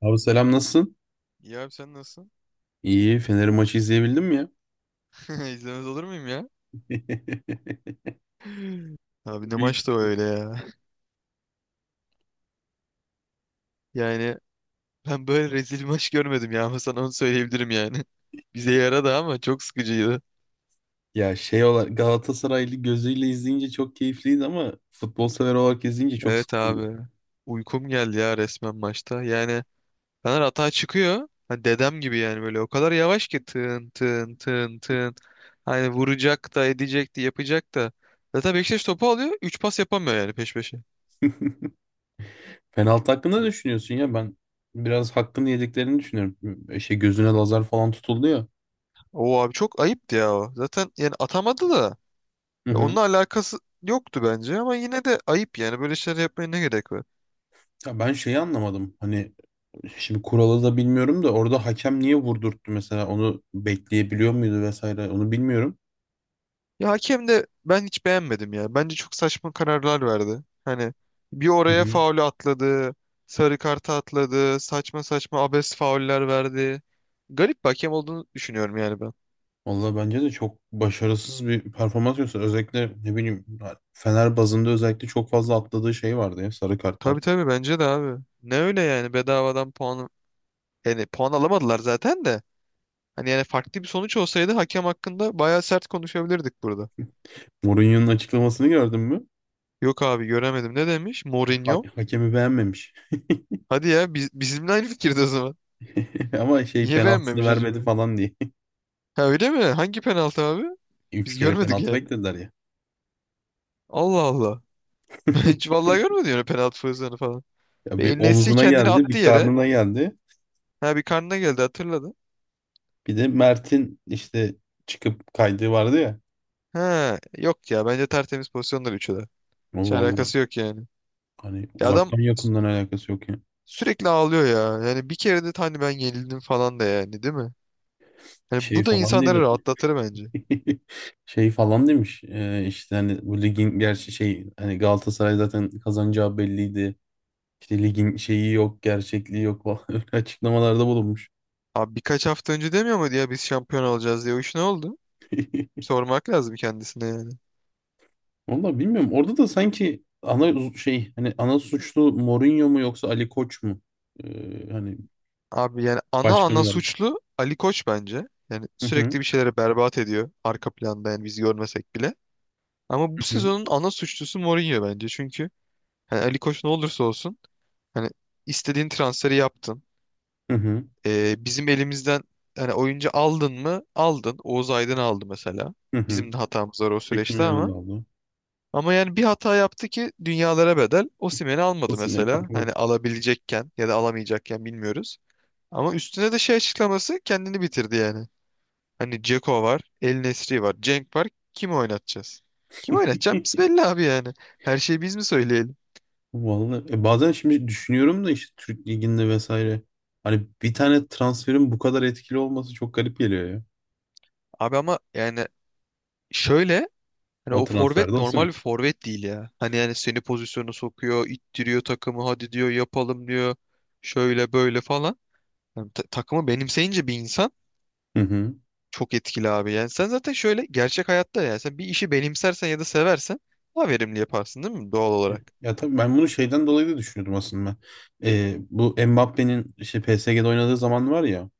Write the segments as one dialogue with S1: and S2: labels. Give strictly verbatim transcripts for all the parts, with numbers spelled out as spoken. S1: Abi selam nasılsın?
S2: İyi abi sen nasılsın?
S1: İyi. Fener'in maçı izleyebildin mi ya?
S2: İzlemez olur muyum ya? Abi ne
S1: İyi.
S2: maçtı o öyle ya. Yani ben böyle rezil bir maç görmedim ya ama sana onu söyleyebilirim yani. Bize yaradı ama çok sıkıcıydı.
S1: Ya şey olarak Galatasaraylı gözüyle izleyince çok keyifliydi ama futbol sever olarak izleyince çok
S2: Evet
S1: sıkıldım.
S2: abi. Uykum geldi ya resmen maçta. Yani Fener atağa çıkıyor. Hani dedem gibi yani böyle o kadar yavaş ki tın tın tın tın. Hani vuracak da edecek de yapacak da. Zaten Beşiktaş topu alıyor, üç pas yapamıyor yani peş peşe.
S1: Penaltı hakkında ne düşünüyorsun ya? Ben biraz hakkını yediklerini düşünüyorum. E, Şey gözüne lazer falan tutuldu ya.
S2: O abi çok ayıptı ya o. Zaten yani atamadı da.
S1: Hı
S2: Ya
S1: hı.
S2: onunla alakası yoktu bence ama yine de ayıp yani, böyle şeyler yapmaya ne gerek var?
S1: Ya ben şeyi anlamadım. Hani şimdi kuralı da bilmiyorum da orada hakem niye vurdurttu mesela? Onu bekleyebiliyor muydu vesaire? Onu bilmiyorum.
S2: Ya hakem de ben hiç beğenmedim ya. Bence çok saçma kararlar verdi. Hani bir
S1: Hı
S2: oraya
S1: hı.
S2: faulü atladı, sarı kartı atladı, saçma saçma abes fauller verdi. Garip bir hakem olduğunu düşünüyorum yani ben.
S1: Vallahi bence de çok başarısız bir performans gösterdi. Özellikle ne bileyim Fener bazında özellikle çok fazla atladığı şey vardı ya sarı kartlar.
S2: Tabii tabii, bence de abi. Ne öyle yani, bedavadan puan, yani puan alamadılar zaten de. Hani yani farklı bir sonuç olsaydı hakem hakkında bayağı sert konuşabilirdik burada.
S1: Mourinho'nun açıklamasını gördün mü?
S2: Yok abi göremedim. Ne demiş?
S1: Ha-
S2: Mourinho.
S1: hakemi beğenmemiş.
S2: Hadi ya, biz, bizimle aynı fikirde o zaman.
S1: Ama şey
S2: Niye
S1: penaltısını
S2: beğenmemiş
S1: vermedi
S2: acaba?
S1: falan diye.
S2: Ha öyle mi? Hangi penaltı abi?
S1: Üç
S2: Biz
S1: kere
S2: görmedik
S1: penaltı
S2: yani.
S1: beklediler ya.
S2: Allah Allah. Ben hiç vallahi görmedim yani, penaltı pozisyonu falan.
S1: Ya
S2: Ve
S1: bir
S2: El Nesri
S1: omzuna
S2: kendini
S1: geldi,
S2: attı
S1: bir
S2: yere.
S1: karnına geldi.
S2: Ha, bir karnına geldi, hatırladı.
S1: Bir de Mert'in işte çıkıp kaydığı vardı ya.
S2: Ha yok ya, bence tertemiz pozisyonlar üçü de. Hiç
S1: O vallahi
S2: alakası yok yani.
S1: hani
S2: Ya adam
S1: uzaktan
S2: sü-
S1: yakından alakası yok ya.
S2: sürekli ağlıyor ya. Yani bir kere de hani ben yenildim falan da yani, değil mi? Yani
S1: Şey
S2: bu da
S1: falan
S2: insanları
S1: değil.
S2: rahatlatır bence.
S1: Şey falan demiş e, işte hani bu ligin gerçi şey hani Galatasaray zaten kazanacağı belliydi. İşte ligin şeyi yok, gerçekliği yok falan öyle açıklamalarda bulunmuş.
S2: Abi birkaç hafta önce demiyor muydu ya biz şampiyon olacağız diye. O iş ne oldu? Sormak lazım kendisine yani.
S1: Vallahi bilmiyorum. Orada da sanki ana şey hani ana suçlu Mourinho mu yoksa Ali Koç mu? Ee, hani
S2: Abi yani ana
S1: başkan
S2: ana
S1: olarak.
S2: suçlu Ali Koç bence. Yani
S1: Hı hı
S2: sürekli bir şeylere berbat ediyor arka planda, yani biz görmesek bile. Ama bu
S1: hı hı
S2: sezonun ana suçlusu Mourinho bence. Çünkü hani Ali Koç ne olursa olsun, hani istediğin transferi yaptın.
S1: hı
S2: Ee, bizim elimizden hani oyuncu aldın mı? Aldın. Oğuz Aydın aldı mesela.
S1: hı. Hı.
S2: Bizim de hatamız var o
S1: Tekin
S2: süreçte
S1: yerini
S2: ama.
S1: aldı.
S2: Ama yani bir hata yaptı ki dünyalara bedel. Osimhen'i almadı
S1: Osimhen
S2: mesela.
S1: aldı.
S2: Hani alabilecekken ya da alamayacakken bilmiyoruz. Ama üstüne de şey açıklaması kendini bitirdi yani. Hani Dzeko var, El Nesri var, Cenk var. Kimi oynatacağız? Kim oynatacağımız belli abi yani. Her şeyi biz mi söyleyelim?
S1: Vallahi e, bazen şimdi düşünüyorum da işte Türk Ligi'nde vesaire. Hani bir tane transferin bu kadar etkili olması çok garip geliyor ya.
S2: Abi ama yani şöyle, hani
S1: O
S2: o
S1: transferde
S2: forvet normal bir
S1: Osimhen.
S2: forvet değil ya. Hani yani seni pozisyona sokuyor, ittiriyor takımı, hadi diyor, yapalım diyor. Şöyle böyle falan. Yani ta- takımı benimseyince bir insan
S1: Hı hı.
S2: çok etkili abi. Yani sen zaten şöyle, gerçek hayatta yani, sen bir işi benimsersen ya da seversen daha verimli yaparsın, değil mi, doğal
S1: E,
S2: olarak?
S1: Ya tabii ben bunu şeyden dolayı da düşünüyordum aslında. Ee, bu Mbappé'nin işte P S G'de oynadığı zaman var ya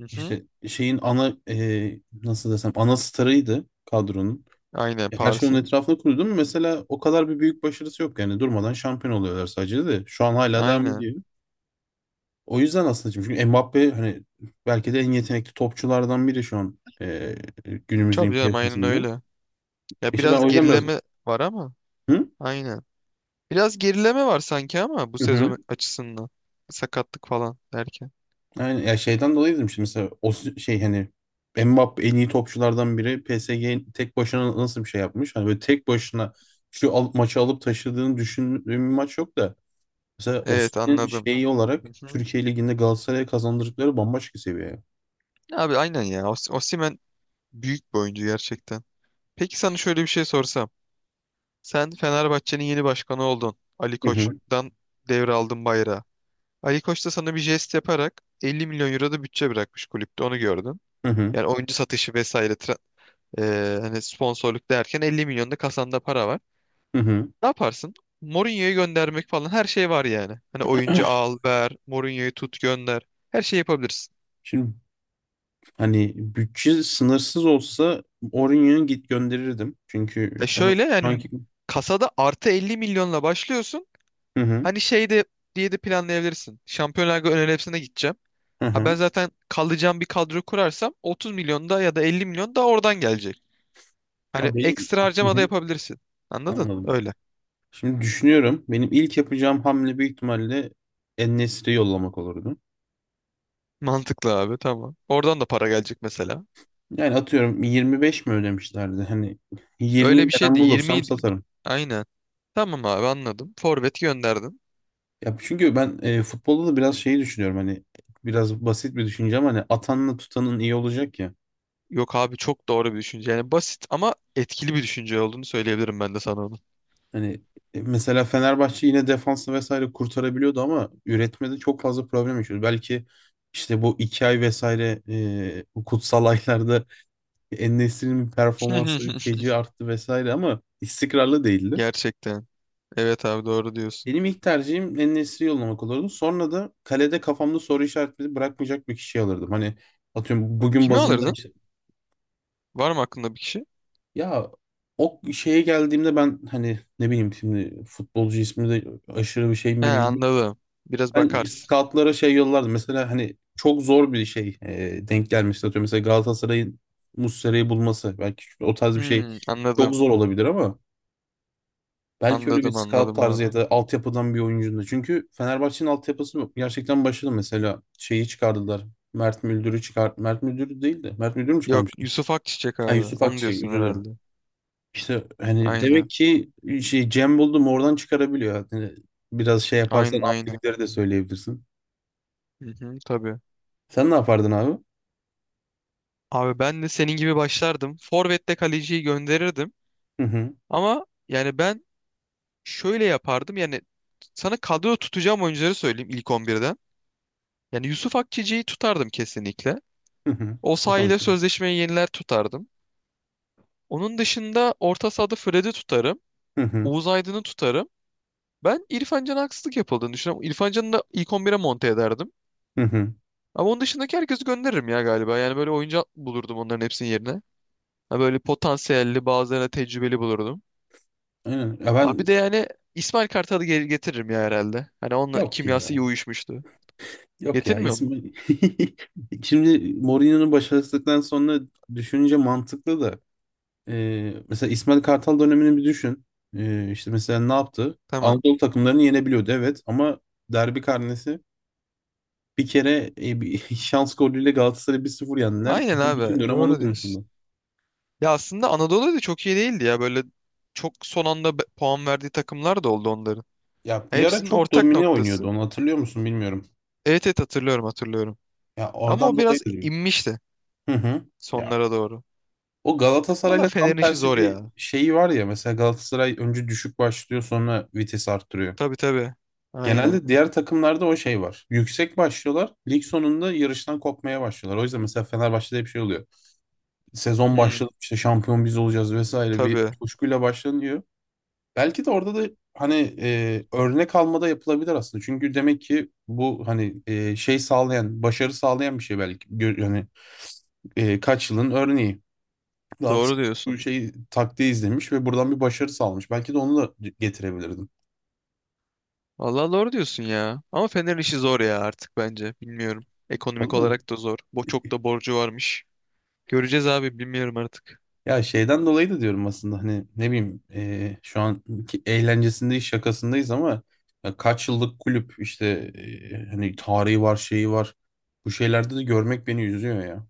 S2: Hı hı.
S1: işte şeyin ana e, nasıl desem ana starıydı kadronun.
S2: Aynen,
S1: E, Her şey onun
S2: Paris'in.
S1: etrafında kuruldu mu? Mesela o kadar bir büyük başarısı yok yani durmadan şampiyon oluyorlar sadece de. Şu an hala devam
S2: Aynen.
S1: ediyor. O yüzden aslında şimdi çünkü Mbappe hani belki de en yetenekli topçulardan biri şu an e, günümüzün
S2: Tabii canım, aynen
S1: piyasasında.
S2: öyle. Ya
S1: İşte ben
S2: biraz
S1: o yüzden biraz
S2: gerileme var ama
S1: hı
S2: aynen. Biraz gerileme var sanki ama bu
S1: hı. Hı.
S2: sezon açısından. Sakatlık falan derken.
S1: Yani ya şeyden dolayı dedim işte mesela o s- şey hani Mbappe en iyi topçulardan biri P S G tek başına nasıl bir şey yapmış? Hani böyle tek başına şu al- maçı alıp taşıdığını düşündüğüm bir maç yok da mesela
S2: Evet
S1: Osimhen'in
S2: anladım.
S1: şeyi olarak
S2: Hı hı.
S1: Türkiye Ligi'nde Galatasaray'a kazandırdıkları bambaşka seviye.
S2: Abi aynen ya. Os- Osimhen büyük bir oyuncu gerçekten. Peki sana şöyle bir şey sorsam. Sen Fenerbahçe'nin yeni başkanı oldun. Ali
S1: Hı hı.
S2: Koç'tan devraldın bayrağı. Ali Koç da sana bir jest yaparak elli milyon euro milyon euro da bütçe bırakmış kulüpte. Onu gördüm.
S1: Hı hı.
S2: Yani oyuncu satışı vesaire tra- eee, hani sponsorluk derken 50 milyon da kasanda para var.
S1: Hı hı.
S2: Ne yaparsın? Mourinho'yu göndermek falan, her şey var yani. Hani oyuncu al, ver, Mourinho'yu tut, gönder. Her şeyi yapabilirsin.
S1: Şimdi hani bütçe sınırsız olsa Orion'u git gönderirdim.
S2: Ya
S1: Çünkü onu
S2: şöyle
S1: şu
S2: yani,
S1: anki...
S2: kasada artı 50 milyonla başlıyorsun.
S1: Hı hı.
S2: Hani şey de diye de planlayabilirsin. Şampiyonlar Ligi ön elepsine gideceğim.
S1: Hı
S2: Ha,
S1: hı.
S2: ben zaten kalacağım bir kadro kurarsam 30 milyon da ya da 50 milyon da oradan gelecek. Hani
S1: Ha, benim...
S2: ekstra
S1: Hı
S2: harcama da
S1: hı.
S2: yapabilirsin. Anladın?
S1: Anladım.
S2: Öyle.
S1: Şimdi düşünüyorum. Benim ilk yapacağım hamle büyük ihtimalle en yollamak olurdu.
S2: Mantıklı abi, tamam. Oradan da para gelecek mesela.
S1: Yani atıyorum yirmi beş mi ödemişlerdi? Hani yirmi
S2: Öyle bir
S1: veren
S2: şeydi.
S1: bulursam
S2: yirmi,
S1: satarım.
S2: aynen. Tamam abi anladım. Forvet gönderdin.
S1: Ya çünkü ben e, futbolda da biraz şeyi düşünüyorum hani biraz basit bir düşünce ama hani atanla tutanın iyi olacak ya.
S2: Yok abi, çok doğru bir düşünce. Yani basit ama etkili bir düşünce olduğunu söyleyebilirim ben de sana onu.
S1: Hani e, mesela Fenerbahçe yine defansı vesaire kurtarabiliyordu ama üretmede çok fazla problem yaşıyordu. Belki işte bu iki ay vesaire e, bu kutsal aylarda En-Nesyri'nin performansı feci arttı vesaire ama istikrarlı değildi.
S2: Gerçekten. Evet abi, doğru diyorsun.
S1: Benim ilk tercihim En-Nesyri yollamak olurdu. Sonra da kalede kafamda soru işaretleri bırakmayacak bir kişi alırdım. Hani atıyorum bugün
S2: Kimi
S1: bazında
S2: alırdın?
S1: işte
S2: Var mı aklında bir kişi?
S1: ya o şeye geldiğimde ben hani ne bileyim şimdi futbolcu ismi de aşırı bir şeyin
S2: He,
S1: bilgim.
S2: anladım. Biraz
S1: Ben
S2: bakarsın.
S1: scoutlara şey yollardı. Mesela hani çok zor bir şey e, denk gelmişti. Atıyorum mesela Galatasaray'ın Muslera'yı bulması. Belki o tarz bir şey
S2: Hmm,
S1: çok
S2: anladım.
S1: zor olabilir ama belki öyle bir
S2: Anladım
S1: scout
S2: anladım
S1: tarzı
S2: abi.
S1: ya da altyapıdan bir oyuncunun da. Çünkü Fenerbahçe'nin altyapısı gerçekten başarılı. Mesela şeyi çıkardılar. Mert Müldür'ü çıkar. Mert Müldür değil de. Mert Müldür mü
S2: Yok,
S1: çıkarmıştı?
S2: Yusuf Akçiçek
S1: Ay
S2: abi.
S1: Yusuf
S2: Onu
S1: Akçiçek
S2: diyorsun
S1: özür
S2: herhalde.
S1: dilerim. İşte hani demek
S2: Aynen.
S1: ki şey Cem buldum oradan çıkarabiliyor. Yani biraz şey yaparsan
S2: Aynen aynen.
S1: altyapıları da söyleyebilirsin.
S2: Hı hı, tabii.
S1: Sen ne yapardın abi?
S2: Abi ben de senin gibi başlardım. Forvet'te kaleciyi gönderirdim.
S1: Hı hı.
S2: Ama yani ben şöyle yapardım. Yani sana kadro tutacağım oyuncuları söyleyeyim ilk on birden. Yani Yusuf Akçeci'yi tutardım kesinlikle.
S1: Hı hı.
S2: Osayi ile
S1: Potansiyel.
S2: sözleşmeyi yeniler, tutardım. Onun dışında orta sahada Fred'i tutarım.
S1: Hı hı.
S2: Oğuz Aydın'ı tutarım. Ben İrfan Can'a haksızlık yapıldığını düşünüyorum. İrfan Can'ı da ilk on bire monte ederdim.
S1: Hı hı.
S2: Ama onun dışındaki herkesi gönderirim ya galiba. Yani böyle oyuncu bulurdum onların hepsinin yerine. Ha, böyle potansiyelli bazılarına tecrübeli bulurdum.
S1: Aynen. Ya
S2: Abi
S1: ben
S2: bir de yani İsmail Kartal'ı geri getiririm ya herhalde. Hani onunla
S1: yok
S2: kimyası iyi
S1: ya.
S2: uyuşmuştu.
S1: Yok ya.
S2: Getirmiyor mu?
S1: İsmi şimdi Mourinho'nun başarısızlıktan sonra düşününce mantıklı da e, mesela İsmail Kartal dönemini bir düşün. E, işte mesela ne yaptı?
S2: Tamam.
S1: Anadolu takımlarını yenebiliyordu evet ama derbi karnesi bir kere e, bir şans golüyle Galatasaray'ı bir sıfır yendiler.
S2: Aynen
S1: Bütün
S2: abi.
S1: dönem onu
S2: Doğru diyorsun.
S1: konuşuldu.
S2: Ya aslında Anadolu da çok iyi değildi ya. Böyle çok son anda be- puan verdiği takımlar da oldu onların.
S1: Ya
S2: Ya,
S1: bir ara
S2: hepsinin
S1: çok
S2: ortak
S1: domine oynuyordu
S2: noktası.
S1: onu hatırlıyor musun bilmiyorum.
S2: Evet evet, hatırlıyorum hatırlıyorum.
S1: Ya
S2: Ama
S1: oradan
S2: o
S1: dolayı
S2: biraz
S1: dedim.
S2: inmişti
S1: Hı hı. Ya
S2: sonlara doğru.
S1: o
S2: Valla
S1: Galatasaray'la tam
S2: Fener'in işi
S1: tersi
S2: zor
S1: bir
S2: ya.
S1: şeyi var ya mesela Galatasaray önce düşük başlıyor sonra vites arttırıyor.
S2: Tabii tabii. Aynen.
S1: Genelde diğer takımlarda o şey var. Yüksek başlıyorlar. Lig sonunda yarıştan kopmaya başlıyorlar. O yüzden mesela Fenerbahçe'de hep şey oluyor. Sezon
S2: Hmm,
S1: başladı işte şampiyon biz olacağız vesaire bir
S2: tabii.
S1: coşkuyla başlanıyor. Belki de orada da hani e, örnek almada yapılabilir aslında. Çünkü demek ki bu hani e, şey sağlayan, başarı sağlayan bir şey belki. Gör, yani e, kaç yılın örneği.
S2: Doğru
S1: Galatasaray bu
S2: diyorsun.
S1: şey taktiği izlemiş ve buradan bir başarı sağlamış. Belki de onu da getirebilirdim.
S2: Valla doğru diyorsun ya. Ama Fener'in işi zor ya artık bence. Bilmiyorum. Ekonomik
S1: Olmadı.
S2: olarak da zor. Bo çok da borcu varmış. Göreceğiz abi, bilmiyorum artık.
S1: Ya şeyden dolayı da diyorum aslında hani ne bileyim e, şu an eğlencesindeyiz şakasındayız ama ya kaç yıllık kulüp işte e, hani tarihi var şeyi var. Bu şeylerde de görmek beni üzüyor ya.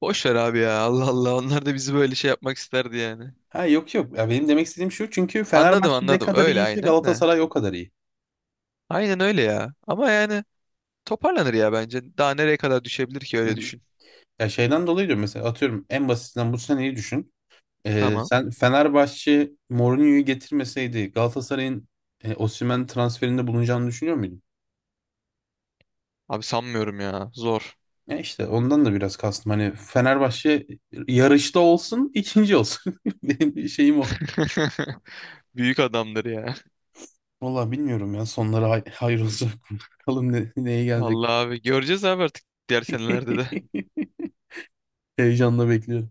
S2: Boş ver abi ya. Allah Allah. Onlar da bizi böyle şey yapmak isterdi yani.
S1: Ha yok yok ya benim demek istediğim şu çünkü
S2: Anladım
S1: Fenerbahçe ne
S2: anladım.
S1: kadar
S2: Öyle
S1: iyiyse
S2: aynen de.
S1: Galatasaray o kadar iyi.
S2: Aynen öyle ya. Ama yani toparlanır ya bence. Daha nereye kadar düşebilir ki,
S1: Hı
S2: öyle
S1: hı.
S2: düşün.
S1: Ya şeyden dolayı diyorum mesela atıyorum en basitinden bu seneyi düşün. Ee,
S2: Tamam.
S1: sen Fenerbahçe Mourinho'yu getirmeseydi Galatasaray'ın e, Osimhen transferinde bulunacağını düşünüyor muydun?
S2: Abi sanmıyorum ya. Zor.
S1: Ya işte ondan da biraz kastım. Hani Fenerbahçe yarışta olsun, ikinci olsun. Benim bir şeyim o.
S2: Büyük adamdır ya.
S1: Valla bilmiyorum ya sonları hay hayır olsun. Bakalım ne, neye gelecek.
S2: Vallahi abi göreceğiz abi artık, diğer senelerde de.
S1: Heyecanla bekliyorum.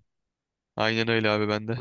S2: Aynen öyle abi, bende.